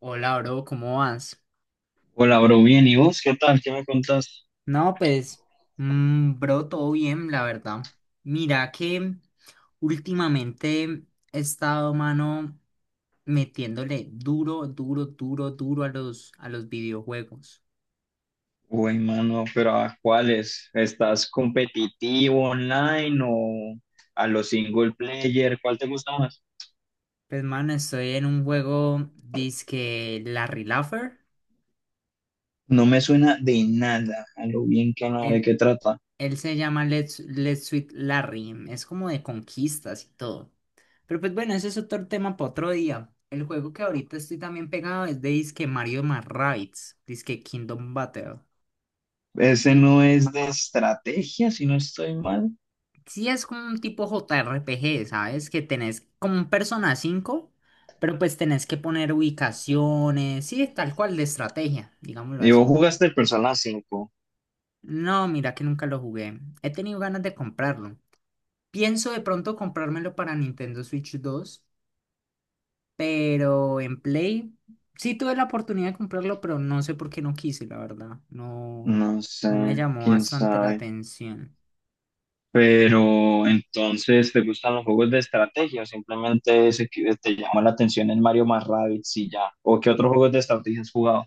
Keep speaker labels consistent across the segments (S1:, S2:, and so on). S1: Hola, bro, ¿cómo vas?
S2: Hola, bro, bien. ¿Y vos qué tal? ¿Qué me contás?
S1: No, pues, bro, todo bien, la verdad. Mira que últimamente he estado, mano, metiéndole duro, duro, duro, duro a los videojuegos.
S2: Uy, mano, pero ¿a cuáles? ¿Estás competitivo online o a los single player? ¿Cuál te gusta más?
S1: Pues, mano, estoy en un juego, dizque Larry Laffer.
S2: No me suena de nada a lo bien que no de qué trata.
S1: Él se llama Let's Sweet Larry. Es como de conquistas y todo. Pero pues bueno, ese es otro tema para otro día. El juego que ahorita estoy también pegado es de Disque Mario más Rabbids, Disque Kingdom Battle.
S2: Ese no es de estrategia, si no estoy mal.
S1: Sí es como un tipo JRPG, ¿sabes? Que tenés como un Persona 5, pero pues tenés que poner ubicaciones, sí, tal cual de estrategia, digámoslo
S2: ¿Y vos
S1: así.
S2: jugaste el Persona 5?
S1: No, mira que nunca lo jugué. He tenido ganas de comprarlo. Pienso de pronto comprármelo para Nintendo Switch 2. Pero en Play sí tuve la oportunidad de comprarlo, pero no sé por qué no quise, la verdad. No,
S2: No sé,
S1: no me llamó
S2: quién
S1: bastante la
S2: sabe.
S1: atención.
S2: Pero entonces, ¿te gustan los juegos de estrategia o simplemente ese que te llama la atención el Mario más Rabbids y ya? ¿O qué otros juegos de estrategia has jugado?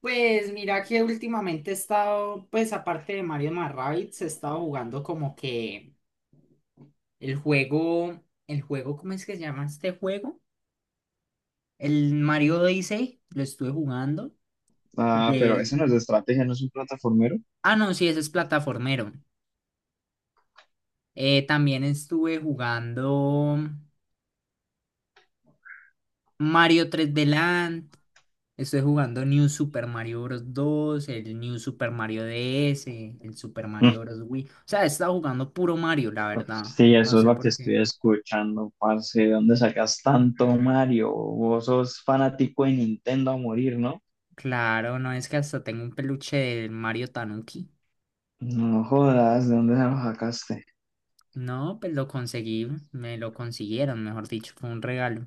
S1: Pues mira que últimamente he estado, pues aparte de Mario más Rabbids, he estado jugando como que el juego, ¿cómo es que se llama este juego? El Mario Odyssey, lo estuve jugando.
S2: Ah, pero
S1: Jugué.
S2: eso no es de estrategia, no es un plataformero.
S1: Ah, no, sí, ese es plataformero. También estuve jugando Mario 3D Land. Estoy jugando New Super Mario Bros. 2, el New Super Mario DS, el Super
S2: Mm.
S1: Mario Bros. Wii. O sea, he estado jugando puro Mario, la verdad.
S2: Sí,
S1: No
S2: eso es
S1: sé
S2: lo que
S1: por qué.
S2: estoy escuchando, parce. ¿De dónde sacas tanto Mario? Vos sos fanático de Nintendo a morir, ¿no?
S1: Claro, no es que hasta tengo un peluche del Mario Tanuki.
S2: No jodas, ¿de dónde se lo sacaste?
S1: No, pues lo conseguí, me lo consiguieron, mejor dicho, fue un regalo.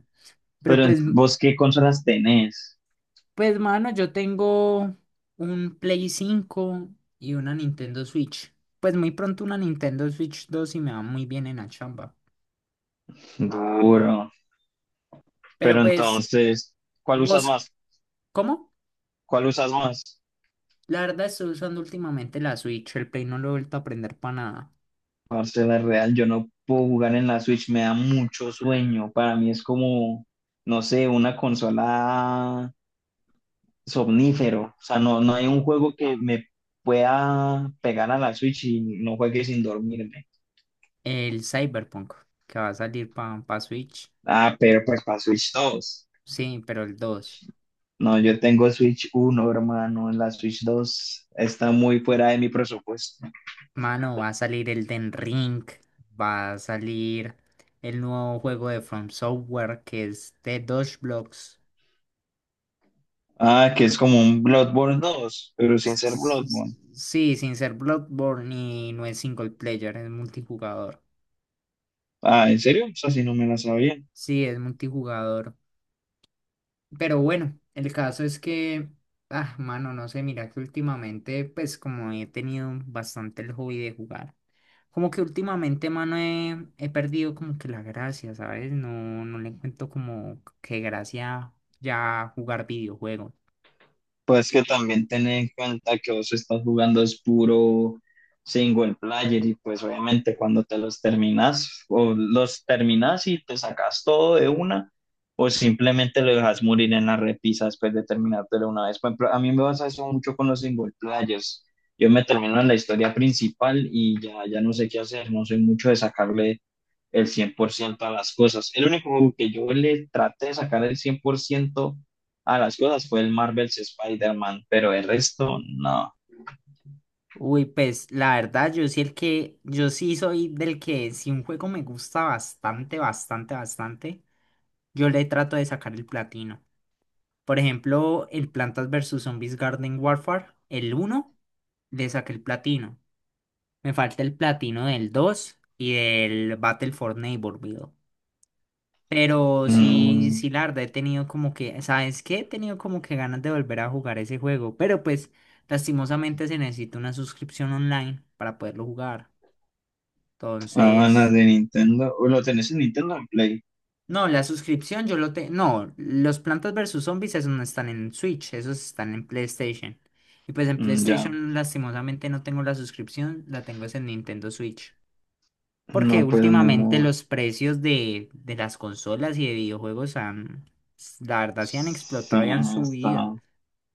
S1: Pero
S2: Pero
S1: pues,
S2: vos, ¿qué consolas tenés?
S1: pues mano, yo tengo un Play 5 y una Nintendo Switch. Pues muy pronto una Nintendo Switch 2 y me va muy bien en la chamba.
S2: Duro.
S1: Pero
S2: Pero
S1: pues,
S2: entonces, ¿cuál usas
S1: ¿vos
S2: más?
S1: cómo?
S2: ¿Cuál usas más?
S1: La verdad estoy usando últimamente la Switch, el Play no lo he vuelto a aprender para nada.
S2: Parce, la real, yo no puedo jugar en la Switch, me da mucho sueño. Para mí es como, no sé, una consola somnífero. O sea, no, no hay un juego que me pueda pegar a la Switch y no juegue sin dormirme.
S1: El Cyberpunk, que va a salir para Switch.
S2: Ah, pero pues para Switch 2.
S1: Sí, pero el dos.
S2: No, yo tengo Switch 1, hermano. La Switch 2 está muy fuera de mi presupuesto.
S1: Mano, va a salir el Den Ring, va a salir el nuevo juego de From Software que es The Dodge Blocks.
S2: Ah, que es como un Bloodborne 2 pero sin ser Bloodborne.
S1: Sí, sin ser Bloodborne y no es single player, es multijugador.
S2: Ah, ¿en serio? O sea, si no me la sabía.
S1: Sí, es multijugador. Pero bueno, el caso es que, ah, mano, no sé, mira que últimamente, pues como he tenido bastante el hobby de jugar, como que últimamente, mano, he perdido como que la gracia, ¿sabes? No, no le encuentro como que gracia ya jugar videojuegos.
S2: Pues que también ten en cuenta que vos estás jugando es puro single player y pues obviamente cuando te los terminas o los terminas y te sacas todo de una o simplemente lo dejas morir en la repisa después de terminártelo una vez. Por ejemplo, a mí me pasa eso mucho con los single players. Yo me termino en la historia principal y ya, ya no sé qué hacer, no soy mucho de sacarle el 100% a las cosas. El único juego que yo le traté de sacar el 100% a las cosas fue el Marvel's Spider-Man, pero el resto no.
S1: Uy, pues la verdad, yo sí soy del que si un juego me gusta bastante, bastante, bastante, yo le trato de sacar el platino. Por ejemplo, el Plantas versus Zombies Garden Warfare, el uno le saqué el platino. Me falta el platino del 2 y del Battle for Neighborhood. Pero
S2: No,
S1: sí, sí, la verdad he tenido como que, ¿sabes qué? He tenido como que ganas de volver a jugar ese juego. Pero pues, lastimosamente se necesita una suscripción online para poderlo jugar.
S2: Ah,
S1: Entonces,
S2: las de Nintendo. Uy, ¿lo tenés en Nintendo o en Play?
S1: no, la suscripción yo lo tengo. No, los Plantas versus Zombies, esos no están en Switch, esos están en PlayStation. Y pues en
S2: Mm, ya.
S1: PlayStation, lastimosamente, no tengo la suscripción, la tengo es en Nintendo Switch. Porque
S2: No, pues ni
S1: últimamente
S2: modo.
S1: los precios de las consolas y de videojuegos han, la verdad, se han
S2: Sí,
S1: explotado y han
S2: está,
S1: subido.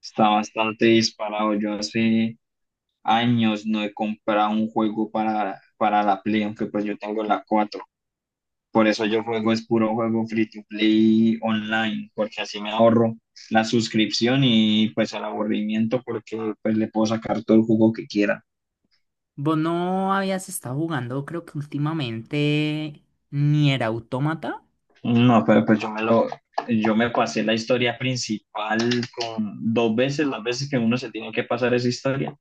S2: está bastante disparado. Yo hace años no he comprado un juego para la Play, aunque pues yo tengo la 4. Por eso yo juego, es puro juego free to play online, porque así me ahorro la suscripción y pues el aburrimiento, porque pues le puedo sacar todo el jugo que quiera.
S1: Vos no habías estado jugando, creo que últimamente, ni era Autómata.
S2: No, pero pues yo me pasé la historia principal con dos veces, las veces que uno se tiene que pasar esa historia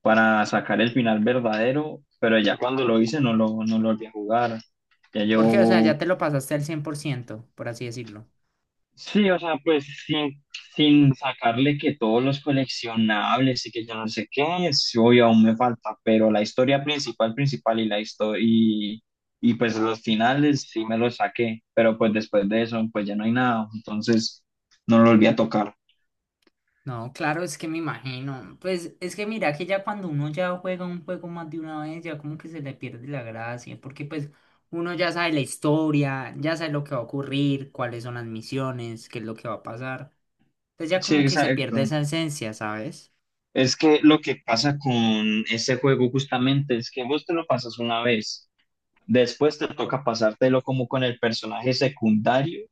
S2: para sacar el final verdadero, pero ya cuando lo hice no lo volví a jugar. Ya
S1: Porque, o sea, ya
S2: llevo.
S1: te lo pasaste al 100%, por así decirlo.
S2: Sí, o sea, pues sin sacarle que todos los coleccionables y que yo no sé qué, sí, obvio, aún me falta, pero la historia principal, principal y la historia, y pues los finales sí me los saqué, pero pues después de eso, pues ya no hay nada, entonces no lo volví a tocar.
S1: No, claro, es que me imagino. Pues es que mira que ya cuando uno ya juega un juego más de una vez, ya como que se le pierde la gracia, porque pues uno ya sabe la historia, ya sabe lo que va a ocurrir, cuáles son las misiones, qué es lo que va a pasar. Entonces ya
S2: Sí,
S1: como que se pierde
S2: exacto.
S1: esa esencia, ¿sabes?
S2: Es que lo que pasa con ese juego justamente es que vos te lo pasas una vez. Después te toca pasártelo como con el personaje secundario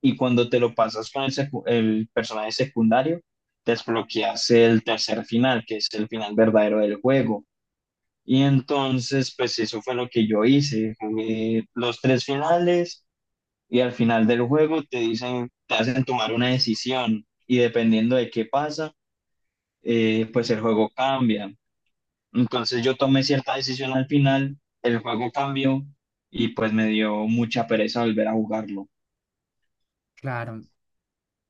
S2: y cuando te lo pasas con el personaje secundario, desbloqueas el tercer final, que es el final verdadero del juego. Y entonces, pues eso fue lo que yo hice. Jugué los tres finales y al final del juego te dicen, te hacen tomar una decisión y dependiendo de qué pasa, pues el juego cambia. Entonces yo tomé cierta decisión al final, el juego cambió y pues me dio mucha pereza volver a jugarlo.
S1: Claro.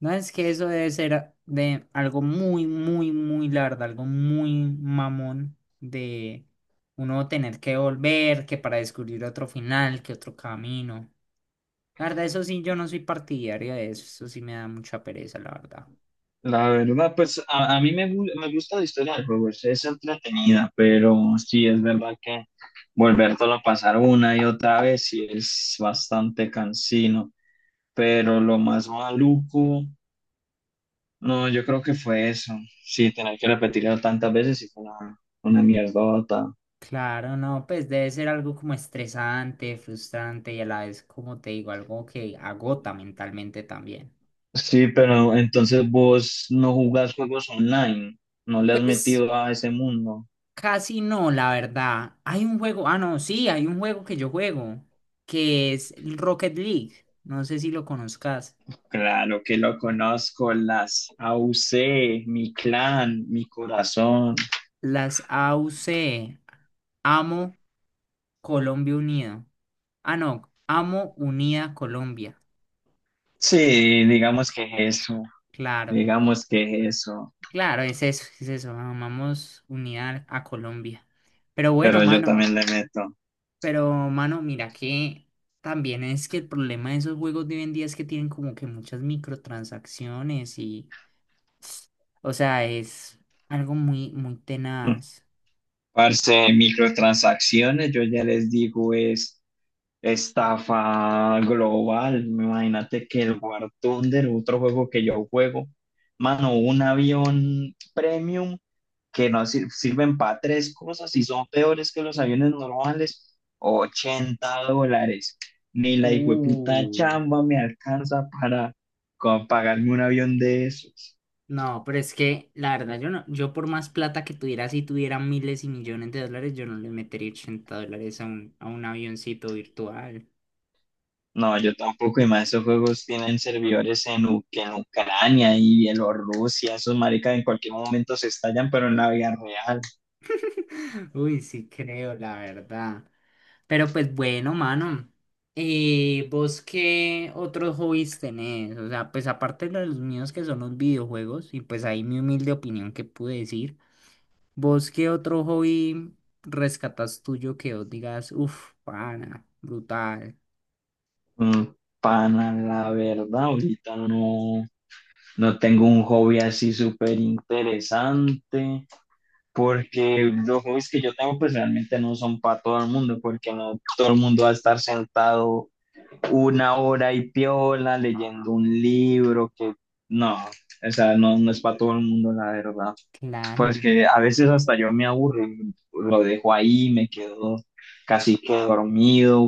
S1: No es que eso debe ser de algo muy, muy, muy largo, algo muy mamón de uno tener que volver, que para descubrir otro final, que otro camino. La verdad, eso sí, yo no soy partidario de eso, eso sí me da mucha pereza, la verdad.
S2: La verdad, pues a mí me gusta la historia del juego, es entretenida, pero sí es verdad que volvértelo a pasar una y otra vez sí es bastante cansino, pero lo más maluco, no, yo creo que fue eso, sí, tener que repetirlo tantas veces y fue una mierda.
S1: Claro, no, pues debe ser algo como estresante, frustrante y a la vez, como te digo, algo que agota mentalmente también.
S2: Sí, pero entonces vos no jugás juegos online, no le has
S1: Pues
S2: metido a ese mundo.
S1: casi no, la verdad. Hay un juego, ah, no, sí, hay un juego que yo juego, que es el Rocket League. No sé si lo conozcas.
S2: Claro que lo conozco, las AUC, mi clan, mi corazón.
S1: Las AUC, Amo Colombia Unido. Ah, no, Amo Unida Colombia.
S2: Sí, digamos que es eso,
S1: Claro.
S2: digamos que es eso,
S1: Claro, es eso, es eso. Vamos unidad a Colombia. Pero bueno,
S2: pero yo
S1: mano,
S2: también le meto.
S1: pero mano, mira que también es que el problema de esos juegos de hoy en día es que tienen como que muchas microtransacciones y, o sea, es algo muy, muy tenaz.
S2: Parce, microtransacciones, yo ya les digo, es estafa global. Imagínate que el War Thunder, otro juego que yo juego, mano, un avión premium que no sirven para tres cosas y son peores que los aviones normales, $80. Ni la puta
S1: Uh,
S2: chamba me alcanza para pagarme un avión de esos.
S1: no, pero es que la verdad yo no, yo por más plata que tuviera, si tuviera miles y millones de dólares, yo no le metería $80 a un avioncito virtual.
S2: No, yo tampoco, y más esos juegos tienen servidores en Ucrania y Bielorrusia, esos maricas en cualquier momento se estallan, pero en la vida real.
S1: Uy, sí creo, la verdad. Pero pues bueno, mano. ¿Vos qué otros hobbies tenés? O sea, pues aparte de los míos que son los videojuegos, y pues ahí mi humilde opinión que pude decir, ¿vos qué otro hobby rescatas tuyo que vos digas, uff, pana, brutal?
S2: Mm, Pana, la verdad, ahorita no, no tengo un hobby así súper interesante, porque los hobbies que yo tengo pues realmente no son para todo el mundo, porque no todo el mundo va a estar sentado 1 hora y piola leyendo un libro que no, o sea, no, no es para todo el mundo, la verdad. Pues
S1: Claro.
S2: que a veces hasta yo me aburro, lo dejo ahí, me quedo casi que dormido.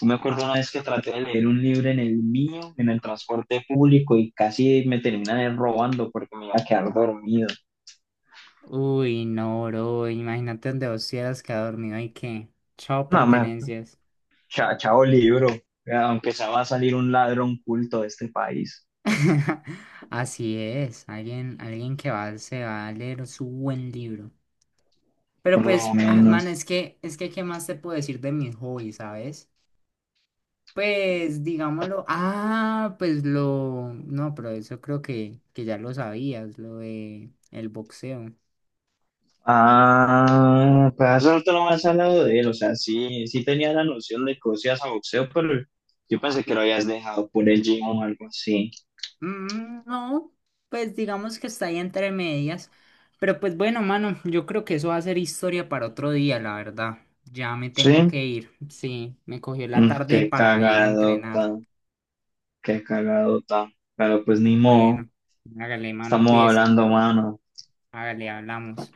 S2: Yo me acuerdo una vez que traté de leer un libro en el mío, en el transporte público, y casi me terminan robando porque me iba a quedar dormido.
S1: Uy, no, bro, imagínate donde vos hubieras quedado dormido y que, chao,
S2: No,
S1: pertenencias.
S2: chao libro, aunque se va a salir un ladrón culto de este país,
S1: Así es, alguien, alguien que va, se va a leer su buen libro. Pero
S2: por lo
S1: pues, ah, man,
S2: menos.
S1: es que, ¿qué más te puedo decir de mi hobby, sabes? Pues, digámoslo, ah, pues lo, no, pero eso creo que ya lo sabías, lo de el boxeo.
S2: Ah, pues hace rato no me has hablado de él, o sea, sí, sí tenía la noción de que vos ibas a boxeo, pero yo pensé que lo habías dejado por el gym o algo así.
S1: Mm, no, pues digamos que está ahí entre medias. Pero pues bueno, mano, yo creo que eso va a ser historia para otro día, la verdad. Ya me tengo
S2: Sí,
S1: que ir. Sí, me cogió la
S2: Mm,
S1: tarde
S2: qué
S1: para ir a
S2: cagadota,
S1: entrenar.
S2: qué cagadota, pero pues ni modo,
S1: Bueno, hágale, mano,
S2: estamos
S1: cuídese.
S2: hablando, mano.
S1: Hágale, hablamos.